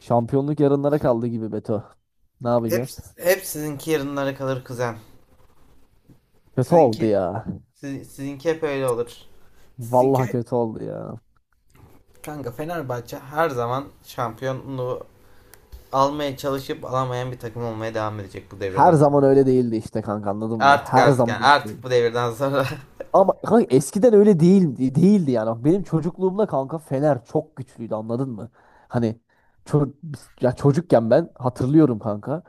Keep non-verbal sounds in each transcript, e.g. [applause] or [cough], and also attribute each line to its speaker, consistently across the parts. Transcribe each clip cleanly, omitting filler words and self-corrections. Speaker 1: Şampiyonluk yarınlara kaldı gibi Beto. Ne
Speaker 2: Hep,
Speaker 1: yapacağız?
Speaker 2: hep sizinki yarınlara kalır kuzen.
Speaker 1: Kötü oldu
Speaker 2: Sizinki,
Speaker 1: ya.
Speaker 2: sizinki hep öyle olur. Sizinki
Speaker 1: Vallahi kötü oldu ya.
Speaker 2: kanka Fenerbahçe her zaman şampiyonluğu almaya çalışıp alamayan bir takım olmaya devam edecek bu
Speaker 1: Her
Speaker 2: devirden sonra.
Speaker 1: zaman öyle değildi işte kanka anladın mı?
Speaker 2: Artık
Speaker 1: Her
Speaker 2: artık
Speaker 1: zaman
Speaker 2: yani
Speaker 1: öyle
Speaker 2: artık
Speaker 1: değildi.
Speaker 2: bu devirden sonra. [laughs]
Speaker 1: Ama kanka eskiden öyle değil, değildi yani. Bak, benim çocukluğumda kanka Fener çok güçlüydü, anladın mı? Hani ço- ya çocukken ben hatırlıyorum kanka.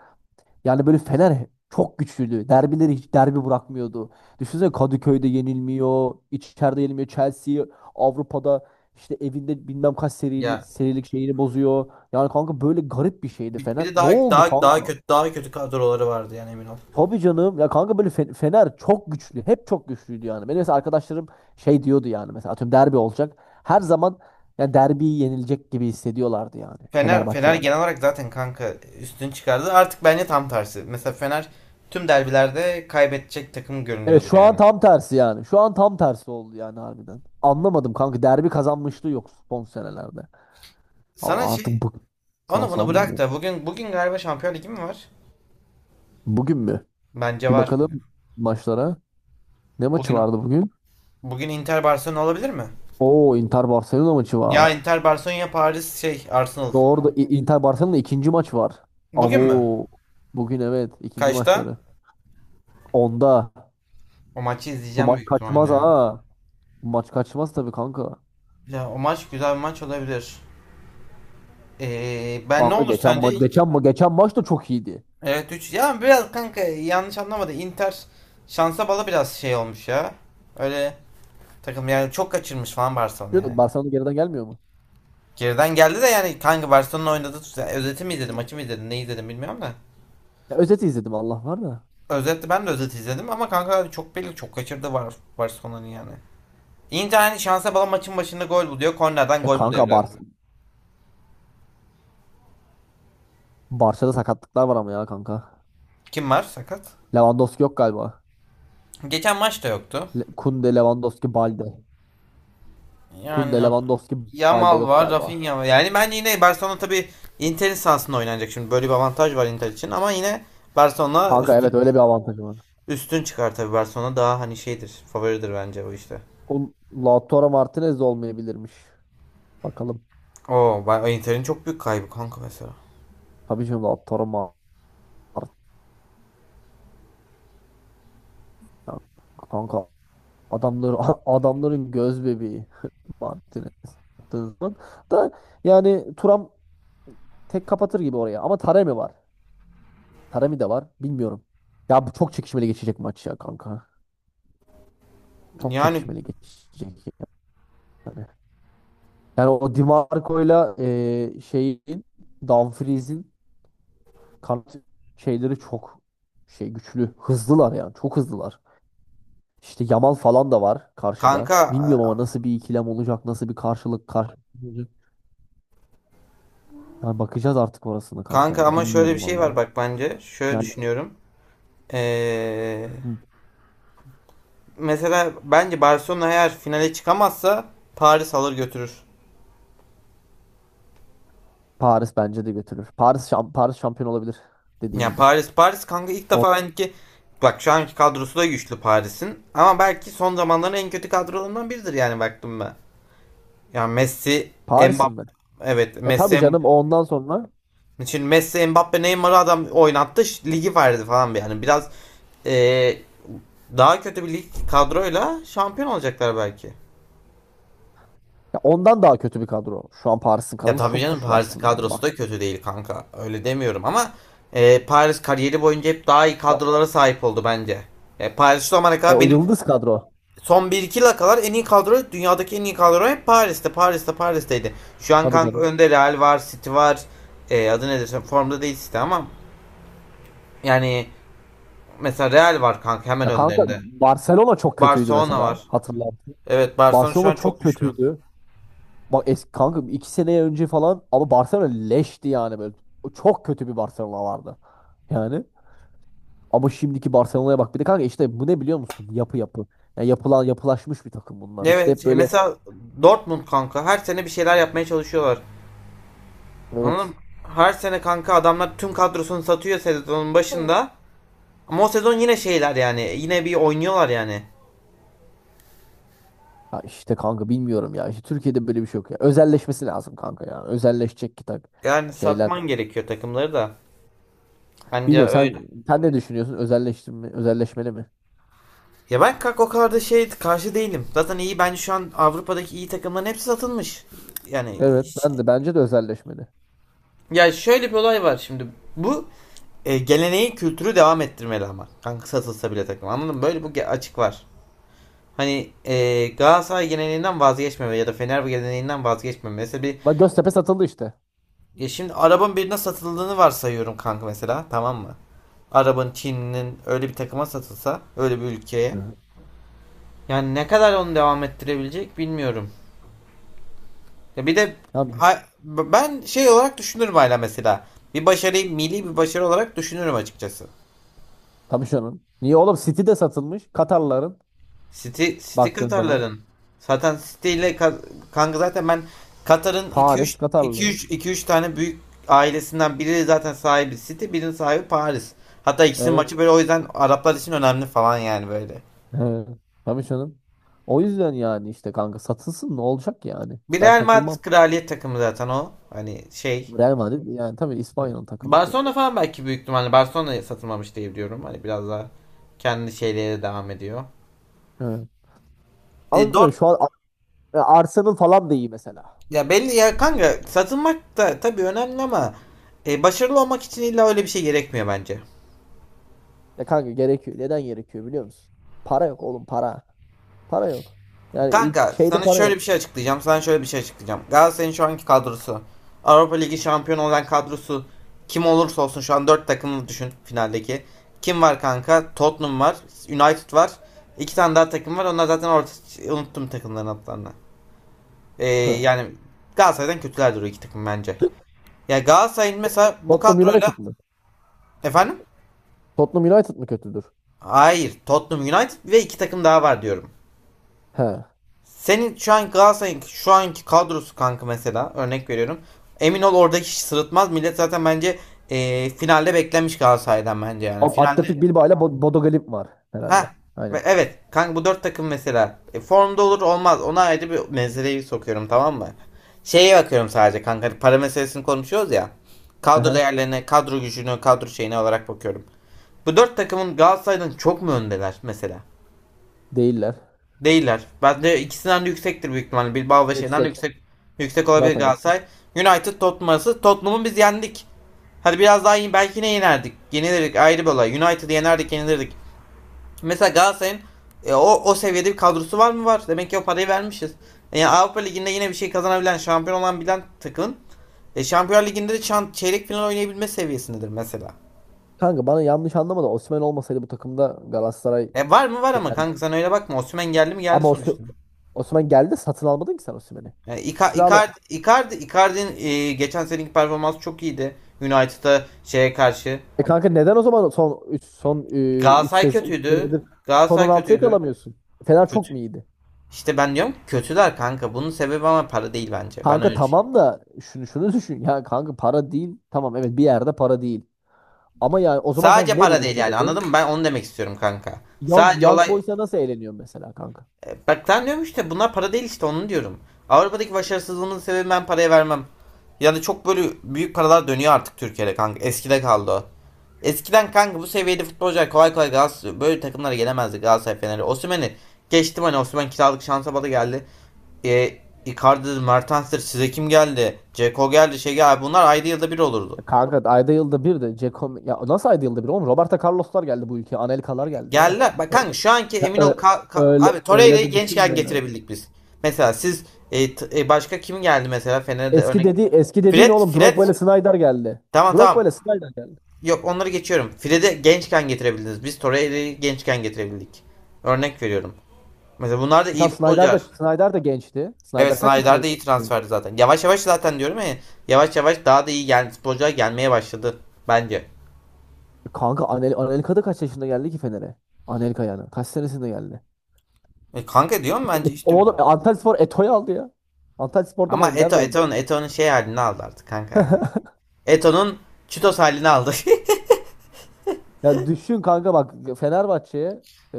Speaker 1: Yani böyle Fener çok güçlüydü. Derbileri hiç derbi bırakmıyordu. Düşünsene, Kadıköy'de yenilmiyor, içeride yenilmiyor. Chelsea Avrupa'da işte evinde bilmem kaç serili,
Speaker 2: Ya
Speaker 1: serilik şeyini bozuyor. Yani kanka böyle garip bir şeydi
Speaker 2: bir
Speaker 1: Fener.
Speaker 2: de
Speaker 1: Ne
Speaker 2: daha
Speaker 1: oldu
Speaker 2: daha daha
Speaker 1: kanka?
Speaker 2: kötü daha kötü kadroları vardı yani emin ol.
Speaker 1: Tabii canım. Ya kanka böyle Fener çok güçlü. Hep çok güçlüydü yani. Benim mesela arkadaşlarım şey diyordu yani, mesela atıyorum derbi olacak. Her zaman yani derbiyi yenilecek gibi hissediyorlardı yani,
Speaker 2: Fener
Speaker 1: Fenerbahçe
Speaker 2: Fener
Speaker 1: var.
Speaker 2: genel olarak zaten kanka üstün çıkardı. Artık bence tam tersi. Mesela Fener tüm derbilerde kaybedecek takım
Speaker 1: Evet,
Speaker 2: görünüyordur
Speaker 1: şu an
Speaker 2: yani.
Speaker 1: tam tersi yani. Şu an tam tersi oldu yani, harbiden. Anlamadım kanka, derbi kazanmışlığı yok son senelerde.
Speaker 2: Sana
Speaker 1: Ama artık
Speaker 2: şey.
Speaker 1: bu
Speaker 2: Onu bunu
Speaker 1: sandım
Speaker 2: bırak
Speaker 1: ya.
Speaker 2: da bugün galiba Şampiyon Ligi mi var?
Speaker 1: Bugün mü?
Speaker 2: Bence
Speaker 1: Bir
Speaker 2: var.
Speaker 1: bakalım maçlara. Ne maçı
Speaker 2: Bugün
Speaker 1: vardı bugün?
Speaker 2: bugün Inter Barcelona olabilir mi?
Speaker 1: Oo, Inter Barcelona maçı
Speaker 2: Ya
Speaker 1: var.
Speaker 2: Inter Barcelona ya Paris şey Arsenal.
Speaker 1: Doğru da Inter Barcelona ikinci maç var.
Speaker 2: Bugün mü?
Speaker 1: Abo, bugün evet, ikinci
Speaker 2: Kaçta?
Speaker 1: maçları. Onda
Speaker 2: O maçı
Speaker 1: bu
Speaker 2: izleyeceğim
Speaker 1: maç
Speaker 2: büyük
Speaker 1: kaçmaz
Speaker 2: ihtimalle.
Speaker 1: ha. Bu maç kaçmaz tabii kanka.
Speaker 2: Ya o maç güzel bir maç olabilir. Ben ne
Speaker 1: Kanka
Speaker 2: olur
Speaker 1: geçen
Speaker 2: sence
Speaker 1: maç
Speaker 2: ilk
Speaker 1: geçen maç da çok iyiydi.
Speaker 2: evet 3 ya biraz kanka yanlış anlamadı. Inter şansa bala biraz şey olmuş ya. Öyle takım yani çok kaçırmış falan Barcelona yani.
Speaker 1: Şu- Barcelona geriden gelmiyor mu?
Speaker 2: Geriden geldi de yani kanka Barcelona'nın oynadığı tut- yani özeti mi izledim, maçı mı izledim, ne izledim bilmiyorum da.
Speaker 1: Ya özeti izledim Allah var da.
Speaker 2: Özetle ben de özeti izledim ama kanka çok belli çok kaçırdı var Barcelona'nın yani. Inter hani şansa bala maçın başında gol buluyor. Kornerden
Speaker 1: E
Speaker 2: gol
Speaker 1: kanka
Speaker 2: buluyor
Speaker 1: Bar
Speaker 2: biraz.
Speaker 1: Barça'da sakatlıklar var ama ya kanka.
Speaker 2: Kim var sakat?
Speaker 1: Lewandowski yok galiba.
Speaker 2: Geçen maç da yoktu.
Speaker 1: Le Kunde, Lewandowski, Balde.
Speaker 2: Yani
Speaker 1: Kunde, Lewandowski, Balde
Speaker 2: Yamal
Speaker 1: yok
Speaker 2: var,
Speaker 1: galiba.
Speaker 2: Rafinha var. Yani ben yine Barcelona tabii Inter'in sahasında oynanacak şimdi. Böyle bir avantaj var Inter için ama yine Barcelona
Speaker 1: Kanka evet,
Speaker 2: üstün
Speaker 1: öyle bir avantajı var.
Speaker 2: üstün çıkar tabii. Barcelona daha hani şeydir, favoridir bence o işte.
Speaker 1: O Lautaro Martinez de olmayabilirmiş. Bakalım.
Speaker 2: Oo, Inter'in çok büyük kaybı kanka mesela.
Speaker 1: Tabii canım, Lautaro Martinez. Kanka adamları [laughs] adamların göz bebeği Martinez. Baktığın zaman da yani Turam tek kapatır gibi oraya. Ama Taremi var. Taremi de var. Bilmiyorum. Ya bu çok çekişmeli geçecek maç ya kanka. Çok
Speaker 2: Yani
Speaker 1: çekişmeli geçecek yani. Yani o DiMarco'yla şeyin Dumfries'in kanat şeyleri çok şey güçlü. Hızlılar yani. Çok hızlılar. İşte Yamal falan da var karşıda.
Speaker 2: kanka.
Speaker 1: Bilmiyorum ama nasıl bir ikilem olacak, nasıl bir karşılık olacak. Yani bakacağız artık orasını kanka
Speaker 2: Kanka
Speaker 1: yani.
Speaker 2: ama şöyle bir
Speaker 1: Bilmiyorum
Speaker 2: şey var
Speaker 1: vallahi.
Speaker 2: bak bence. Şöyle
Speaker 1: Yani
Speaker 2: düşünüyorum. Ee,
Speaker 1: hı,
Speaker 2: mesela bence Barcelona eğer finale çıkamazsa Paris alır götürür.
Speaker 1: Paris bence de götürür. Paris şampiyon olabilir
Speaker 2: Ya
Speaker 1: dediğin
Speaker 2: yani
Speaker 1: gibi.
Speaker 2: Paris kanka ilk
Speaker 1: Or
Speaker 2: defa belki bak şu anki kadrosu da güçlü Paris'in ama belki son zamanların en kötü kadrolarından biridir yani baktım ben. Yani Messi,
Speaker 1: Paris'in
Speaker 2: Mbappe,
Speaker 1: mi?
Speaker 2: evet
Speaker 1: E tabii
Speaker 2: Messi
Speaker 1: canım, ondan sonra
Speaker 2: için Messi, Mbappe, Neymar'ı adam oynattı ş- ligi verdi falan bir yani biraz ee, daha kötü bir lig kadroyla şampiyon olacaklar belki.
Speaker 1: ya ondan daha kötü bir kadro. Şu an Paris'in
Speaker 2: Ya
Speaker 1: kadrosu
Speaker 2: tabii
Speaker 1: çok
Speaker 2: canım
Speaker 1: güçlü
Speaker 2: Paris'in
Speaker 1: aslında.
Speaker 2: kadrosu
Speaker 1: Bak
Speaker 2: da kötü değil kanka. Öyle demiyorum ama Paris kariyeri boyunca hep daha iyi
Speaker 1: ya-
Speaker 2: kadrolara sahip oldu bence. Paris şu zamana kadar
Speaker 1: o
Speaker 2: benim
Speaker 1: yıldız kadro.
Speaker 2: son bir iki yıla kadar en iyi kadro, dünyadaki en iyi kadro hep Paris'teydi. Şu an
Speaker 1: Tabii
Speaker 2: kanka
Speaker 1: canım.
Speaker 2: önde Real var, City var. Adı nedir? Formda değil City ama yani mesela Real var kanka hemen
Speaker 1: Ya kanka
Speaker 2: önlerinde.
Speaker 1: Barcelona çok kötüydü
Speaker 2: Barcelona var.
Speaker 1: mesela. Hatırlarsın.
Speaker 2: Evet, Barcelona şu
Speaker 1: Barcelona
Speaker 2: an çok
Speaker 1: çok
Speaker 2: güçlü.
Speaker 1: kötüydü. Bak eski kanka, iki sene önce falan ama Barcelona leşti yani böyle. O çok kötü bir Barcelona vardı. Yani ama şimdiki Barcelona'ya bak. Bir de kanka işte bu ne biliyor musun? Yapı yapı. Ya yapılan, yapılaşmış bir takım bunlar. İşte
Speaker 2: Evet,
Speaker 1: hep böyle
Speaker 2: mesela Dortmund kanka her sene bir şeyler yapmaya çalışıyorlar. Anladım.
Speaker 1: evet.
Speaker 2: Her sene kanka adamlar tüm kadrosunu satıyor sezonun başında. Ama o sezon yine şeyler yani. Yine bir oynuyorlar yani.
Speaker 1: Ya işte kanka bilmiyorum ya. İşte Türkiye'de böyle bir şey yok ya. Özelleşmesi lazım kanka ya. Özelleşecek ki tak
Speaker 2: Yani
Speaker 1: şeyler.
Speaker 2: satman gerekiyor takımları da. Anca
Speaker 1: Bilmiyorum
Speaker 2: öyle.
Speaker 1: sen ne düşünüyorsun? Özelleştirme, özelleşmeli mi?
Speaker 2: Ya ben kanka o kadar da şey karşı değilim. Zaten iyi bence şu an Avrupa'daki iyi takımların hepsi satılmış. Yani,
Speaker 1: Evet, ben de, bence de özelleşmeli.
Speaker 2: ya şöyle bir olay var şimdi. Bu geleneği kültürü devam ettirmeli ama. Kanka satılsa bile takım anladın mı? Böyle bu açık var. Hani, Galatasaray geleneğinden vazgeçmeme ya da Fener geleneğinden vazgeçmeme. Mesela bir,
Speaker 1: Bak Göztepe satıldı işte.
Speaker 2: ya şimdi arabanın birine satıldığını varsayıyorum kanka mesela, tamam mı? Arabanın Çin'in öyle bir takıma satılsa, öyle bir ülkeye.
Speaker 1: Evet.
Speaker 2: Yani ne kadar onu devam ettirebilecek bilmiyorum. Ya bir de
Speaker 1: Tabii.
Speaker 2: ben şey olarak düşünürüm hala mesela. Bir başarıyı milli bir başarı olarak düşünürüm açıkçası.
Speaker 1: Tabii canım. Niye oğlum? City de satılmış. Katarların
Speaker 2: City
Speaker 1: baktığın zaman.
Speaker 2: Katarların. Zaten City ile kanka zaten ben Katar'ın
Speaker 1: Paris
Speaker 2: 2-3
Speaker 1: Katarlı.
Speaker 2: 2-3 2-3 tane büyük ailesinden biri zaten sahibi City, birinin sahibi Paris. Hatta ikisinin
Speaker 1: Evet.
Speaker 2: maçı böyle, o yüzden Araplar için önemli falan yani böyle.
Speaker 1: Evet. Tabii canım. O yüzden yani işte kanka satılsın, ne olacak yani?
Speaker 2: Bir
Speaker 1: Ben
Speaker 2: Real
Speaker 1: takılmam.
Speaker 2: Madrid kraliyet takımı zaten o. Hani şey.
Speaker 1: Real Madrid yani tabii İspanya'nın takımı direkt.
Speaker 2: Barcelona falan belki büyük ihtimalle Barcelona'ya satılmamış diye biliyorum. Hani biraz daha kendi şeylere devam ediyor.
Speaker 1: Evet.
Speaker 2: E,
Speaker 1: Ama
Speaker 2: Dort
Speaker 1: bilmiyorum şu an. E, Arsenal falan da iyi mesela.
Speaker 2: Ya belli ya kanka satılmak da tabii önemli ama başarılı olmak için illa öyle bir şey gerekmiyor bence.
Speaker 1: Ya kanka gerekiyor. Neden gerekiyor biliyor musun? Para yok oğlum, para. Para yok. Yani ül-
Speaker 2: Kanka
Speaker 1: şeyde
Speaker 2: sana
Speaker 1: para
Speaker 2: şöyle bir
Speaker 1: yok.
Speaker 2: şey açıklayacağım. Sana şöyle bir şey açıklayacağım. Galatasaray'ın şu anki kadrosu. Avrupa Ligi şampiyonu olan kadrosu. Kim olursa olsun şu an 4 takımı düşün finaldeki. Kim var kanka? Tottenham var. United var. İki tane daha takım var. Onlar zaten orta, unuttum takımların adlarını.
Speaker 1: Hı.
Speaker 2: Yani Galatasaray'dan kötüler duruyor iki takım bence. Ya Galatasaray'ın mesela bu
Speaker 1: Tottenham
Speaker 2: kadroyla,
Speaker 1: United mı?
Speaker 2: efendim?
Speaker 1: Tottenham United mı kötüdür?
Speaker 2: Hayır. Tottenham, United ve iki takım daha var diyorum.
Speaker 1: He.
Speaker 2: Senin şu an Galatasaray'ın şu anki kadrosu kanka mesela, örnek veriyorum. Emin ol oradaki hiç sırıtmaz. Millet zaten bence finalde beklenmiş Galatasaray'dan bence yani. Finalde
Speaker 1: Athletic Bilbao ile Bodo Glimt var herhalde.
Speaker 2: ha, ve
Speaker 1: Aynen.
Speaker 2: evet kanka bu dört takım mesela, formda olur olmaz. Ona ayrı bir meseleyi sokuyorum, tamam mı? Şeye bakıyorum sadece kanka, hani para meselesini konuşuyoruz ya.
Speaker 1: Hı
Speaker 2: Kadro
Speaker 1: hı.
Speaker 2: değerlerine, kadro gücünü, kadro şeyine olarak bakıyorum. Bu dört takımın Galatasaray'dan çok mu öndeler mesela?
Speaker 1: Değiller.
Speaker 2: Değiller. Bence ikisinden de yüksektir büyük ihtimalle. Bilbao ve şeyden
Speaker 1: Yüksek.
Speaker 2: yüksek olabilir
Speaker 1: Zaten yüksek.
Speaker 2: Galatasaray. United Tottenham arası. Tottenham'ı biz yendik. Hadi biraz daha iyi. Belki ne yenerdik. Yenilirdik, ayrı bir olay. United'ı yenerdik yenilirdik. Mesela Galatasaray'ın o seviyede bir kadrosu var mı? Var. Demek ki o parayı vermişiz. Yani Avrupa Ligi'nde yine bir şey kazanabilen, şampiyon olan bilen takım. Şampiyonlar Ligi'nde de çeyrek final oynayabilme seviyesindedir mesela.
Speaker 1: Kanka bana yanlış anlama da, Osimhen olmasaydı bu takımda Galatasaray
Speaker 2: Var mı? Var ama
Speaker 1: yani,
Speaker 2: kanka sen öyle bakma. Osimhen geldi mi? Geldi
Speaker 1: ama
Speaker 2: sonuçta.
Speaker 1: Osimhen geldi, satın almadın ki sen Osimhen'i.
Speaker 2: Yani Icardi'nin geçen seneki performansı çok iyiydi. United'a, şeye karşı.
Speaker 1: E kanka neden o zaman son 3 son 3
Speaker 2: Galatasaray
Speaker 1: sez üç
Speaker 2: kötüydü.
Speaker 1: senedir son
Speaker 2: Galatasaray
Speaker 1: 16'ya
Speaker 2: kötüydü.
Speaker 1: kalamıyorsun? Fener çok
Speaker 2: Kötü.
Speaker 1: mu iyiydi?
Speaker 2: İşte ben diyorum ki kötüler kanka. Bunun sebebi ama para değil bence. Ben
Speaker 1: Kanka
Speaker 2: öyle düşünüyorum.
Speaker 1: tamam da şunu düşün ya kanka, para değil. Tamam, evet, bir yerde para değil. Ama yani o zaman kanka
Speaker 2: Sadece
Speaker 1: ne
Speaker 2: para
Speaker 1: bunun
Speaker 2: değil yani,
Speaker 1: sebebi?
Speaker 2: anladın mı? Ben onu demek istiyorum kanka.
Speaker 1: Young,
Speaker 2: Sadece
Speaker 1: Young
Speaker 2: olay.
Speaker 1: Boys'a nasıl eğleniyor mesela kanka?
Speaker 2: Bak sen diyorum işte bunlar para değil, işte onu diyorum. Avrupa'daki başarısızlığımın sebebi ben paraya vermem. Ya da çok böyle büyük paralar dönüyor artık Türkiye'de kanka. Eskide kaldı o. Eskiden kanka bu seviyede futbolcular kolay kolay Galatasaray böyle takımlara gelemezdi, Galatasaray Fener'i. Osimhen'i geçtim hani, Osimhen kiralık şansa bala geldi. E, Icardi, Mertens'tir, size kim geldi? Ceko geldi, şey geldi. Bunlar ayda yılda bir olurdu.
Speaker 1: Ya kanka ayda yılda bir de Ceko, ya nasıl ayda yılda bir oğlum, Roberto Carlos'lar geldi bu ülkeye. Anelka'lar geldi biraz.
Speaker 2: Geldiler. Bak
Speaker 1: Ö-
Speaker 2: kanka şu anki
Speaker 1: ya
Speaker 2: emin ol,
Speaker 1: ö- Öyle
Speaker 2: abi
Speaker 1: öyle
Speaker 2: Torreira'yı
Speaker 1: de düşünme
Speaker 2: gençken
Speaker 1: ya.
Speaker 2: getirebildik biz. Mesela siz, başka kim geldi mesela Fener'de
Speaker 1: Eski
Speaker 2: örnek.
Speaker 1: dedi, eski dediğin
Speaker 2: Fred
Speaker 1: oğlum
Speaker 2: Fred
Speaker 1: Drogba ile Snyder geldi.
Speaker 2: tamam, tamam.
Speaker 1: Drogba ile Snyder geldi.
Speaker 2: Yok, onları geçiyorum. Fred'i gençken getirebildiniz. Biz Torreira'yı gençken getirebildik. Örnek veriyorum. Mesela bunlar da
Speaker 1: E tam
Speaker 2: iyi futbolcular.
Speaker 1: Snyder da gençti.
Speaker 2: Evet,
Speaker 1: Snyder kaç
Speaker 2: Snyder
Speaker 1: yaşında?
Speaker 2: de iyi transferdi zaten. Yavaş yavaş zaten diyorum ya. Yavaş yavaş daha da iyi gel futbolcular gelmeye başladı bence.
Speaker 1: Kanka Anelka da kaç yaşında geldi ki Fener'e? Anelka yani. Kaç senesinde geldi?
Speaker 2: Kanka diyorum
Speaker 1: E,
Speaker 2: bence işte,
Speaker 1: oğlum, e, Antalyaspor Eto'yu aldı ya. Antalyaspor'da mı
Speaker 2: ama
Speaker 1: oynadı?
Speaker 2: Eto
Speaker 1: Nerede oynadı?
Speaker 2: Eto'nun Eto'nun şey halini aldı artık kanka yani. Eto'nun Çitos halini aldı.
Speaker 1: Ya düşün kanka, bak, Fenerbahçe'ye e,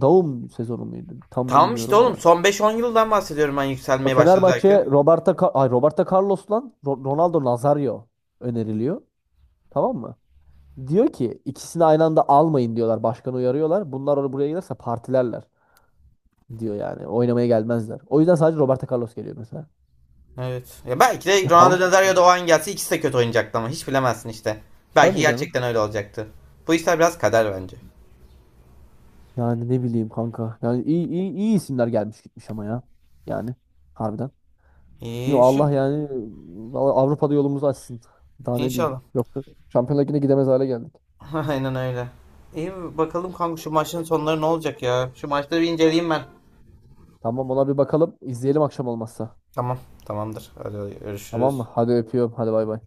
Speaker 1: Daum sezonu muydu?
Speaker 2: [laughs]
Speaker 1: Tam
Speaker 2: Tamam işte
Speaker 1: bilmiyorum
Speaker 2: oğlum
Speaker 1: da.
Speaker 2: son beş on yıldan bahsediyorum ben,
Speaker 1: Bak,
Speaker 2: yükselmeye başladı derken.
Speaker 1: Fenerbahçe'ye Roberto Carlos lan Ronaldo Nazario öneriliyor. Tamam mı? Diyor ki ikisini aynı anda almayın diyorlar. Başkanı uyarıyorlar. Bunlar oraya buraya gelirse partilerler, diyor yani. Oynamaya gelmezler. O yüzden sadece Roberto Carlos geliyor mesela.
Speaker 2: Evet. Ya belki de
Speaker 1: Ya
Speaker 2: Ronaldo
Speaker 1: kanka
Speaker 2: Nazario da o an gelse ikisi de kötü oynayacaktı, ama hiç bilemezsin işte. Belki
Speaker 1: tabii canım.
Speaker 2: gerçekten öyle olacaktı. Bu işler biraz kader bence.
Speaker 1: Yani ne bileyim kanka. Yani iyi isimler gelmiş gitmiş ama ya. Yani harbiden. Yo,
Speaker 2: İyi şu,
Speaker 1: Allah yani vallahi Avrupa'da yolumuzu açsın. Daha ne diyeyim.
Speaker 2: inşallah.
Speaker 1: Yoksa Şampiyonlar Ligi'ne gidemez hale geldik.
Speaker 2: [laughs] Aynen öyle. İyi, bakalım kanka şu maçın sonları ne olacak ya. Şu maçları bir inceleyeyim ben.
Speaker 1: Tamam, ona bir bakalım. İzleyelim akşam olmazsa.
Speaker 2: Tamam, tamamdır. Hadi
Speaker 1: Tamam mı?
Speaker 2: görüşürüz.
Speaker 1: Hadi öpüyorum. Hadi bay bay.